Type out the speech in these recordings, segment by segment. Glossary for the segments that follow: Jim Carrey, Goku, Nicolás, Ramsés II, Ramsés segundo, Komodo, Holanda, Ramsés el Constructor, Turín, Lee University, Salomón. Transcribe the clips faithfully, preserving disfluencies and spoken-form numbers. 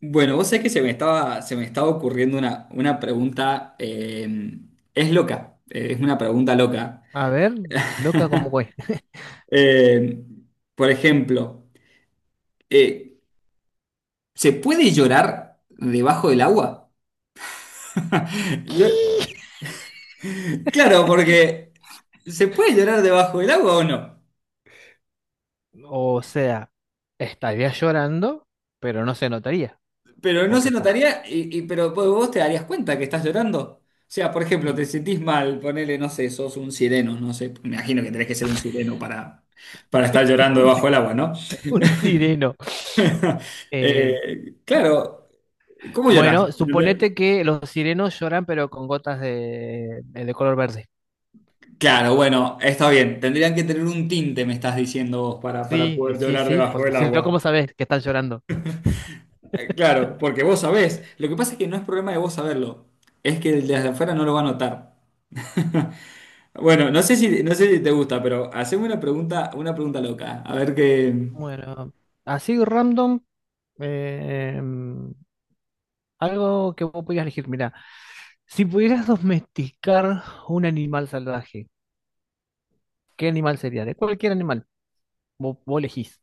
Bueno, vos sabés que se me estaba, se me estaba ocurriendo una, una pregunta, eh, es loca, eh, es una pregunta loca. A ver, loca como güey. Eh, por ejemplo, eh, ¿se puede llorar debajo del agua? Yo- claro, porque se puede llorar debajo del agua o no, O sea, estaría llorando, pero no se notaría, pero no porque se está notaría, y, y- pero vos vos te darías cuenta que estás llorando. O sea, por ejemplo, y- te sentís mal, ponele, no sé, sos un sireno, no sé, me imagino que tenés que ser un sireno para, para estar llorando un, debajo del si- agua, ¿no? un sireno. Eh, Eh, claro, ¿cómo llorar? bueno, suponete que los sirenos lloran, pero con gotas de, eh, de color verde. Claro, bueno, está bien. Tendrían que tener un tinte, me estás diciendo vos, para, para Sí, poder sí, llorar sí, debajo porque del si no, agua. ¿cómo sabes que están llorando? Eh, claro, porque vos sabés. Lo que pasa es que no es problema de vos saberlo. Es que desde afuera no lo va a notar. Bueno, no sé si, no sé si te gusta, pero haceme una pregunta, una pregunta loca. A ver qué. Bueno, así random, eh, mm, algo que vos pudieras elegir. Mira, si pudieras domesticar un animal salvaje, ¿qué animal sería? De cualquier animal. Vos, vos elegís.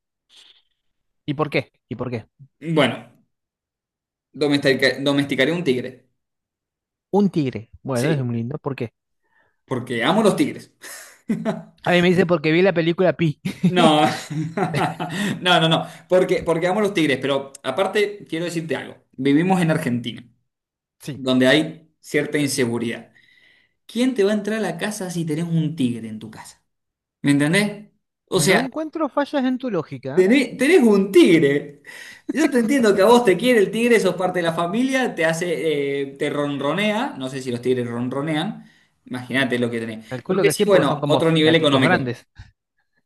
¿Y por qué? ¿Y por qué? Bueno, domestica- domesticaré un tigre. Un tigre. Bueno, es muy Sí, lindo. ¿Por qué? porque amo los tigres. A mí me dice porque vi la película Pi. No, no, no, no, porque, porque amo a los Tigres, pero aparte quiero decirte algo, vivimos en Argentina, Sí. donde hay cierta inseguridad. ¿Quién te va a entrar a la casa si tenés un tigre en tu casa? ¿Me entendés? O No sea, encuentro fallas en tu lógica. tenés, tenés un tigre. Yo te entiendo que a vos te quiere el tigre, sos parte de la familia, te hace, eh, te ronronea, no sé si los tigres ronronean, imagínate lo que tenés. Lo Calculo que que sí, sí, porque son bueno, como otro f- nivel gatitos económico. grandes.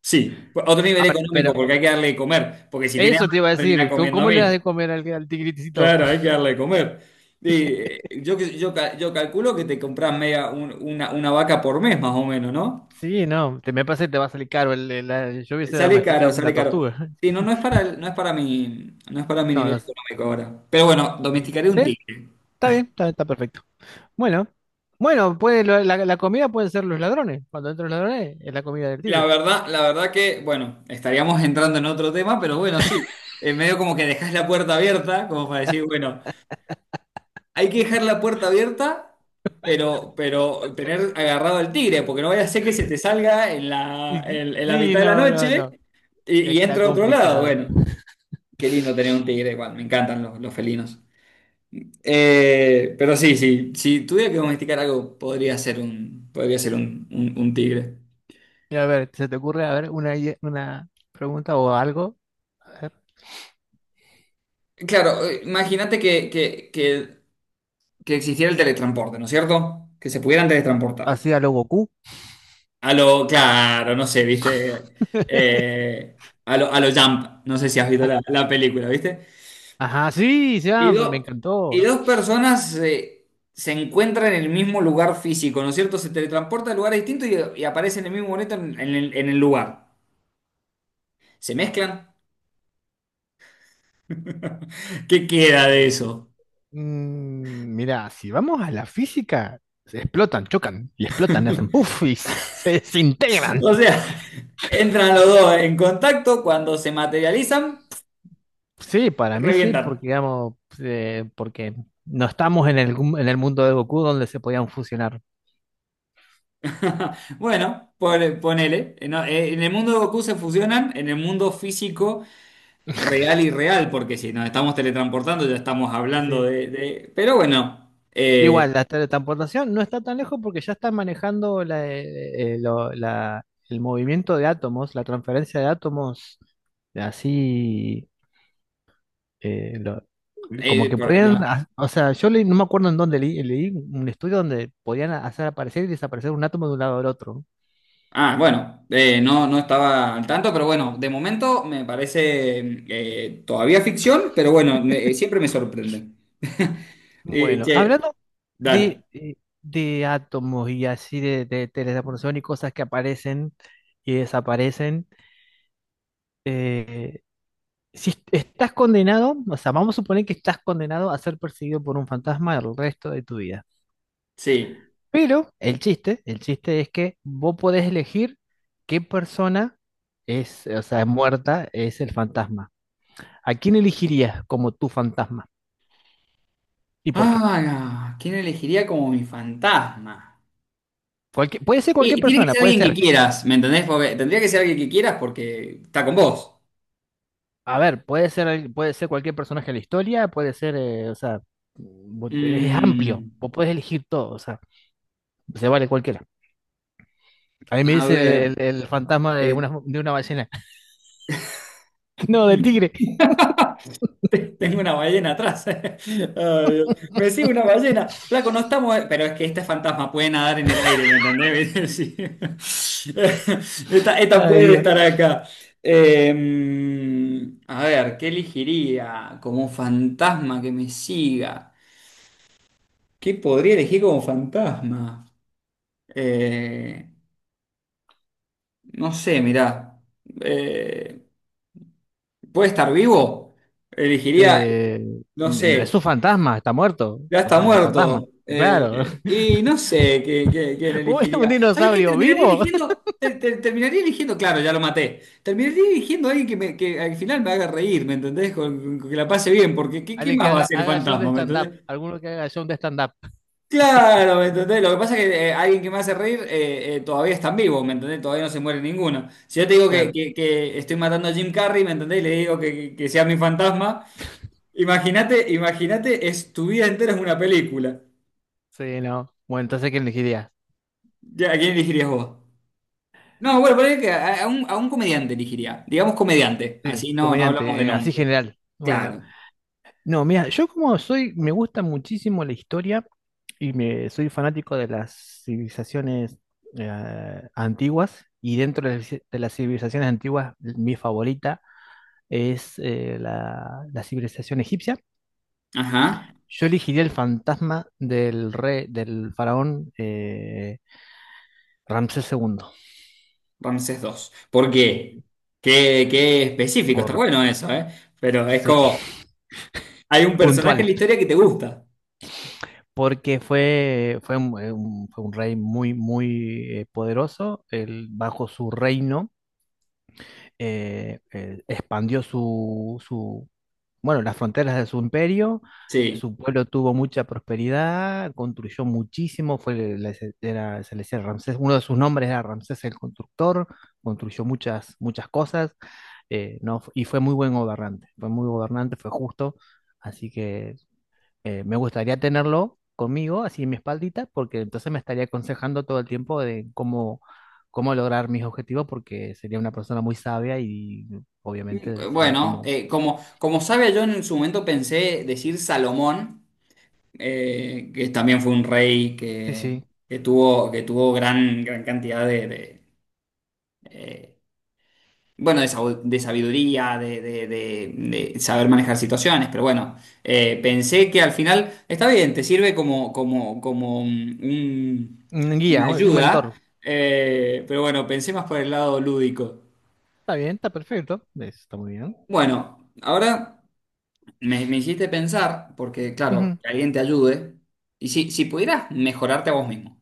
Sí, a otro nivel Ahora, económico, pero porque hay que darle de comer, porque si tiene eso hambre te iba va a a terminar decir. ¿Cómo, comiendo a cómo le das mí. de comer al, al tigritecito? Claro, hay que darle de comer. Y, eh, yo, yo, ca- yo calculo que te compras media, un- una, una vaca por mes más o menos, ¿no? Sí, no. Te, me parece que te va a salir caro. El- el- la- yo hubiese Sale caro, domesticado una sale caro. tortuga. Sí, no, no es para, el- no es para mi, no es para mi No, nivel no sé. económico ahora. Pero bueno, Sí, domesticaré un está tigre. bien, está, está perfecto. Bueno, bueno, puede, lo- la, la comida pueden ser los ladrones. Cuando entran los ladrones, es la comida del La tigre. verdad, la verdad que, bueno, estaríamos entrando en otro tema, pero bueno, sí. En medio como que dejas la puerta abierta, como para decir, bueno, hay que dejar la puerta abierta, pero, pero tener agarrado al tigre, porque no vaya a ser que se te salga en la, Y- en, en la Sí, mitad de la no, no, noche no. y, y Está entra a otro lado. complicado. Bueno, qué lindo tener un tigre, igual, me encantan los, los felinos. Eh, pero sí, sí, si tuviera que domesticar algo, podría ser un, podría ser un, un- un tigre. Mira, a ver, ¿se te ocurre, a ver, una, idea- una pregunta o algo? A ver. Claro, eh, imagínate que, que, que, que existiera el teletransporte, ¿no es cierto? Que se pudieran teletransportar. Así a lo Goku. A lo, claro, no sé, viste. Eh, a lo, a lo Jump, no sé si has visto Ah, la, la película, viste. ajá, sí, Y, ya, pues me do- y encantó. dos personas eh, se encuentran en el mismo lugar físico, ¿no es cierto? Se teletransportan a lugares distintos y, y aparecen en el mismo momento en, en el, en el lugar. ¿Se mezclan? ¿Qué queda de eso? Mm, mira, si vamos a la física, se explotan, chocan y explotan, y hacen puff y se, se desintegran. O sea, entran los dos en contacto, cuando se materializan, Sí, para mí sí, revientan. porque digamos, eh, porque no estamos en el, gu- en el mundo de Goku donde se podían fusionar. Bueno, pone- ponele. En, en el mundo de Goku se fusionan, en el mundo físico. Real y real, porque si nos estamos teletransportando ya estamos hablando Sí. de... de- Pero bueno, eh, Igual, la teletransportación no está tan lejos porque ya están manejando la, eh, eh, lo- la- el movimiento de átomos, la transferencia de átomos, así, eh, lo- como eh, que por podían, la- ha- o sea, yo leí- no me acuerdo en dónde leí, leí un estudio donde podían hacer aparecer y desaparecer un átomo de un lado al otro. ah, bueno, eh, no, no estaba al tanto, pero bueno, de momento me parece eh, todavía ficción, pero bueno, me- eh, siempre me sorprende. Eh, Bueno, Che, hablando de, dale, eh, de átomos y así de, de teletransportación y cosas que aparecen y desaparecen. eh, si est- estás condenado, o sea, vamos a suponer que estás condenado a ser perseguido por un fantasma el resto de tu vida. sí. Pero el chiste, el chiste es que vos podés elegir qué persona es, o sea, muerta es el fantasma. ¿A quién elegirías como tu fantasma? ¿Y por qué? Ah, ¿quién elegiría como mi fantasma? Cualquier- puede ser cualquier Y tiene que persona, ser puede alguien que ser, quieras, ¿me entendés? Porque tendría que ser alguien que quieras porque está con vos. a ver, puede ser, el- puede ser cualquier personaje de la historia, puede ser, eh, o sea, vos- es amplio, Mm, vos podés elegir todo, o sea, se vale cualquiera. A mí me a dice el, ver. el- el fantasma de eh, una, de una ballena. No, del tigre. Tengo una ballena atrás. Ay, Dios. Me sigue una ballena. Flaco, no estamos. Pero es que este fantasma puede nadar en el aire, ¿me entendés? Sí. Esta, esta Ay, puede estar Dios. acá. Eh, a ver, ¿qué elegiría como fantasma que me siga? ¿Qué podría elegir como fantasma? Eh, no sé, mirá. Eh, ¿puede estar vivo? Elegiría, Eh, no no, es un sé. fantasma, está muerto. Ya O está sea, fantasma. muerto. Claro. Eh, y no sé qué, qué- quién ¿Un, un elegiría. ¿Sabés qué? dinosaurio Terminaría vivo? eligiendo. Te- te- terminaría eligiendo. Claro, ya lo maté. Terminaría eligiendo a alguien que, me- que al final me haga reír, ¿me entendés? Con, con que la pase bien, porque ¿qué, qué Alguien más que va a haga, hacer el haga show de fantasma, ¿me stand-up. entendés? Alguno que haga show de stand-up. Claro, ¿me entendés? Lo que pasa es que eh, alguien que me hace reír eh, eh, todavía está en vivo, ¿me entendés? Todavía no se muere ninguno. Si yo te digo que, Claro. que- que estoy matando a Jim Carrey, ¿me entendés? Y le digo que, que que sea mi fantasma. Imagínate, imagínate, es tu vida entera es una película. Sí, no. Bueno, entonces, ¿quién elegiría? Ya, ¿a quién elegirías vos? No, bueno, parece que a, a un, a un comediante elegiría. Digamos comediante, Sí, así no, no hablamos de comediante, eh, así nombre. general. Bueno. Claro. No, mira, yo como soy, me gusta muchísimo la historia y me soy fanático de las civilizaciones eh, antiguas. Y dentro de las de las civilizaciones antiguas, mi favorita es eh, la, la civilización egipcia. Ajá, Yo elegiría el fantasma del rey, del faraón eh, Ramsés segundo Ramsés dos. ¿Por qué? Qué, qué específico, está por, bueno eso, ¿eh? Pero es sí, como, hay un personaje puntual, en la historia que te gusta. porque fue, fue, un, eh, un- fue un rey muy, muy eh, poderoso. Él, bajo su reino eh, eh, expandió su, su, bueno, las fronteras de su imperio, Sí. su pueblo tuvo mucha prosperidad, construyó muchísimo, fue, la- era- se le decía Ramsés, uno de sus nombres era Ramsés el Constructor, construyó muchas, muchas cosas, eh, no, y fue muy buen gobernante, fue muy gobernante, fue justo, así que eh, me gustaría tenerlo conmigo, así en mi espaldita, porque entonces me estaría aconsejando todo el tiempo de cómo, cómo lograr mis objetivos, porque sería una persona muy sabia y obviamente saber Bueno, cómo. eh, como, como sabe, yo en su momento pensé decir Salomón, eh, que también fue un rey Sí, que, sí. que tuvo, que tuvo gran, gran cantidad de, de, eh, bueno, de, sabu- de sabiduría, de, de- de- de saber manejar situaciones, pero bueno, eh, pensé que al final está bien, te sirve como, como, como un- un- Un guía, una un un mentor. ayuda, eh, pero bueno, pensé más por el lado lúdico. Está bien, está perfecto. es- Está muy bien. Bueno, ahora me, me hiciste pensar, porque claro, Ujú. que alguien te ayude, y si, si pudieras mejorarte a vos mismo. O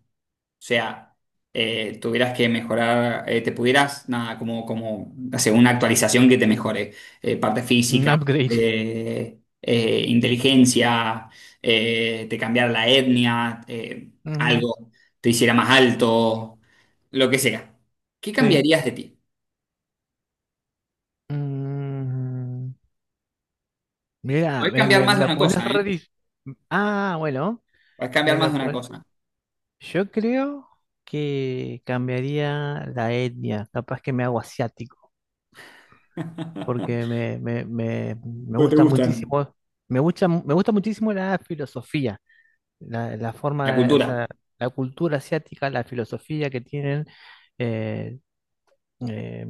sea, eh, tuvieras que mejorar, eh, te pudieras, nada, como, como hacer una actualización que te mejore, eh, parte Un física, upgrade. eh, eh, inteligencia, eh, te cambiara la etnia, eh, Ujú, algo, te hiciera más alto, lo que sea. ¿Qué sí. cambiarías de ti? Mm, mira, Puedes me, cambiar me- más me de la una pones cosa, ¿eh? re dif- Ah, bueno, Puedes me cambiar la más de una pones. cosa. Yo creo que cambiaría la etnia, capaz que me hago asiático, ¿Cómo porque me, me, me, me te gusta gustan? muchísimo, me gusta, mu- me gusta muchísimo la filosofía, la, la forma, La de- o cultura. sea, la cultura asiática, la filosofía que tienen. eh, eh,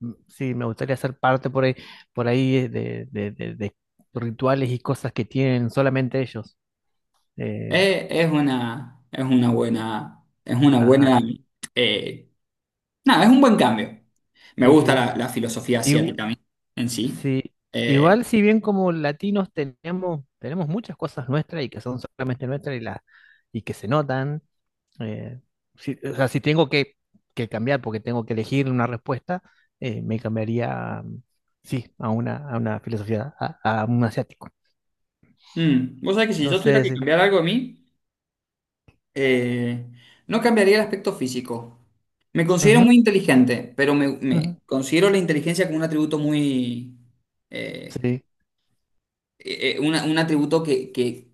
m- sí, me gustaría ser parte por ahí, por ahí de, de- de- de rituales y cosas que tienen solamente ellos. Eh, Eh, es una, es una buena, es una buena ajá, eh, nada, es un buen cambio. Me sí, gusta sí. la, la filosofía asiática a mí en sí. Sí, Eh, igual si bien como latinos tenemos, tenemos muchas cosas nuestras y que son solamente nuestras y, la, y que se notan, eh, si- o sea, si tengo que, que cambiar porque tengo que elegir una respuesta, eh, me cambiaría, mm, sí, a una, a una filosofía, a, a un asiático. mm, vos sabés que si No yo sé tuviera que si... cambiar algo de mí, eh, no cambiaría el aspecto físico. Me considero Ujú, muy inteligente, pero me, me ujú, considero la inteligencia como un atributo muy... eh, sí, eh, eh, una- un atributo que, que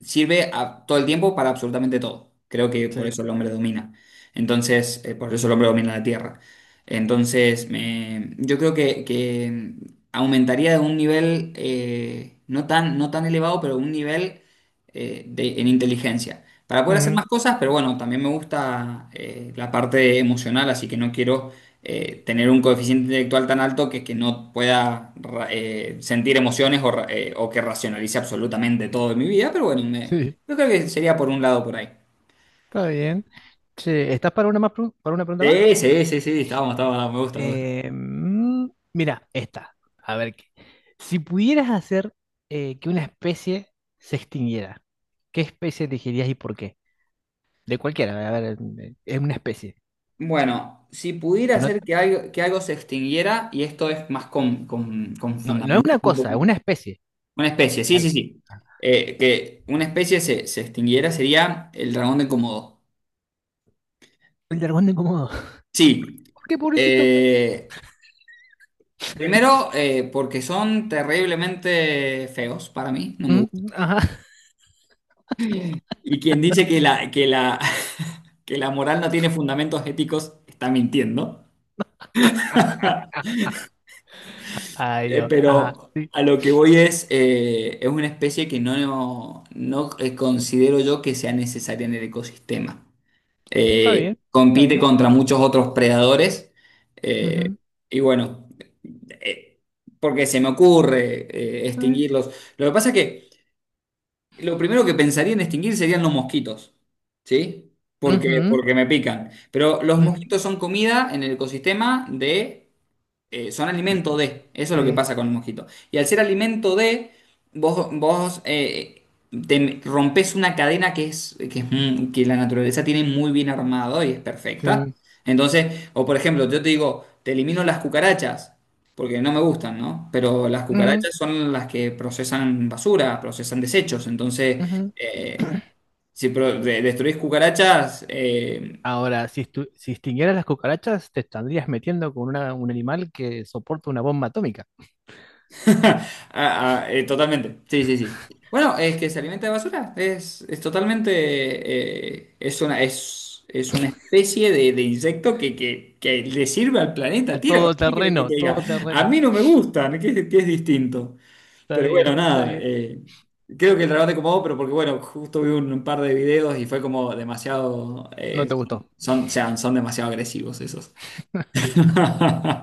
sirve a- todo el tiempo para absolutamente todo. Creo que por sí, eso el hombre domina. Entonces, eh, por eso el hombre domina la Tierra. Entonces, me- yo creo que, que aumentaría de un nivel eh, no tan, no tan elevado, pero un nivel eh, de- en inteligencia. Para poder hacer ujú, más cosas, pero bueno, también me gusta eh, la parte emocional, así que no quiero eh, tener un coeficiente intelectual tan alto que, que no pueda ra- eh, sentir emociones o, ra- eh, o que racionalice absolutamente todo en mi vida, pero bueno, me- sí, yo creo que sería por un lado por ahí. está bien. Che, ¿estás para una más, pru- para una pregunta más? Sí, sí, sí, sí, estábamos, estábamos, me gusta, me gusta. Eh, mm, Mira, esta. A ver, qué- si pudieras hacer eh, que una especie se extinguiera, ¿qué especie elegirías y por qué? De cualquiera, a ver, eh, es una especie. Bueno, si pudiera Que no, hacer que algo, que algo se extinguiera, y esto es más con, con, con no, no es fundamento, una un cosa, es una poquito- especie. una especie, sí, sí, Dale. sí. Eh, que una especie se, se extinguiera sería el dragón de Komodo. El dragón de Komodo. Sí, ¿Por qué, pobrecito? eh, primero, eh, porque son terriblemente feos para mí, no me Mm, gusta. ajá. Y quien dice que la, que la, que la moral no tiene fundamentos éticos está mintiendo. Ay, Eh, Dios. Ajá. pero Sí. a lo que voy es, eh, es una especie que no, no, eh, considero yo que sea necesaria en el ecosistema. Está Eh, bien, está Compite bien. contra muchos otros predadores. eh, Ujú, y bueno, eh, porque se me ocurre eh, está bien. extinguirlos. Lo que pasa es que... Lo primero que pensaría en extinguir serían los mosquitos, ¿sí? Porque, porque me pican. Pero los Ujú, mosquitos son comida en el ecosistema de eh, son alimento ujú. de. Eso es lo que Sí, pasa con el mosquito. Y al ser alimento de, vos, vos eh, te rompes una cadena que es, que es mu- que la naturaleza tiene muy bien armado y es perfecta. sí. Entonces, o por ejemplo, yo te digo, te elimino las cucarachas, porque no me gustan, ¿no? Pero las Ujú, cucarachas son las que procesan basura, procesan desechos. Entonces, ujú. eh, si pro- de- destruís cucarachas, eh, Ahora, si, estu- si extinguieras las cucarachas, te estarías metiendo con una- un animal que soporta una bomba atómica. ah, ah, eh, totalmente. Sí, sí, sí. Bueno, es que se alimenta de basura. Es, es totalmente. eh, es una, es, es una especie de, de insecto que, que, que le sirve al A planeta Tierra. todo ¿Qué querés terreno, que te diga? todo A terreno. mí no me gustan, que, es que es distinto. Está Pero bueno, bien, está nada. bien. Eh, creo que el trabajo te acomodó, pero porque, bueno, justo vi un, un par de videos y fue como demasiado. No eh, te gustó. Son, son, o sea, son demasiado agresivos esos.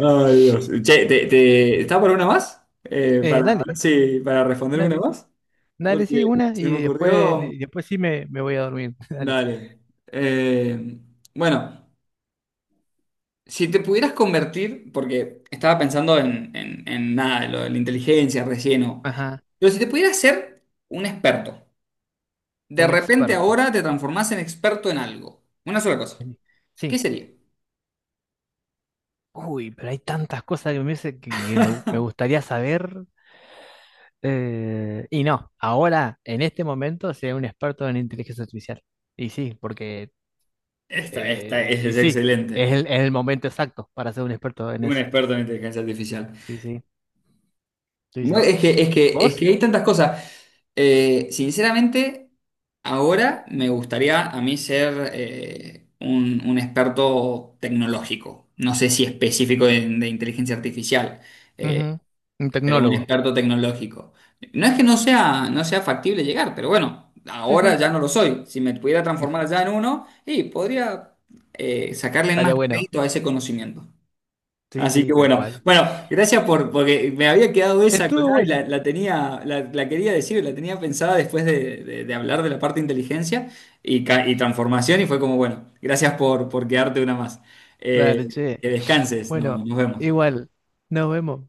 Ay, Dios. Che, ¿te, te- ¿está por una más? Eh, Eh, para ver dale, si- para responder una dale, más. dale, Porque sí, una se y me después, ocurrió. y después sí me, me voy a dormir. Dale. Dale. Eh, bueno, si te pudieras convertir, porque estaba pensando en, en- en nada, lo de la inteligencia recién, o- Ajá, pero si te pudieras ser un experto, de un repente experto. ahora te transformás en experto en algo, una sola cosa, ¿qué Sí. sería? Uy, pero hay tantas cosas que me, hubiese- que, que me, gu- me gustaría saber. Eh, y no, ahora, en este momento, sea un experto en inteligencia artificial. Y sí, porque Esta, esta eh, y es sí, es excelente. el, es el momento exacto para ser un experto en Un eso. experto en inteligencia artificial. Sí, sí, sí, Bueno, sí. es que, es que, es ¿Vos? que hay tantas cosas. Eh, sinceramente, ahora me gustaría a mí ser eh, un, un experto tecnológico. No sé si específico de, de inteligencia artificial, eh, Ujú, un pero un tecnólogo. experto tecnológico. No es que no sea, no sea factible llegar, pero bueno, Sí, ahora sí. ya no lo soy. Si me pudiera transformar ya en uno, y podría eh, sacarle más Estaría bueno. crédito a ese conocimiento. Sí, Así que sí, tal bueno, cual. bueno, gracias por, porque me había quedado esa Estuvo colgada y bueno. la, la tenía, la, la quería decir, la tenía pensada después de, de- de hablar de la parte de inteligencia y, ca- y transformación y fue como, bueno, gracias por, por quedarte una más. Eh, Dale, che. que descanses, Bueno, no, nos vemos. igual. Nos vemos.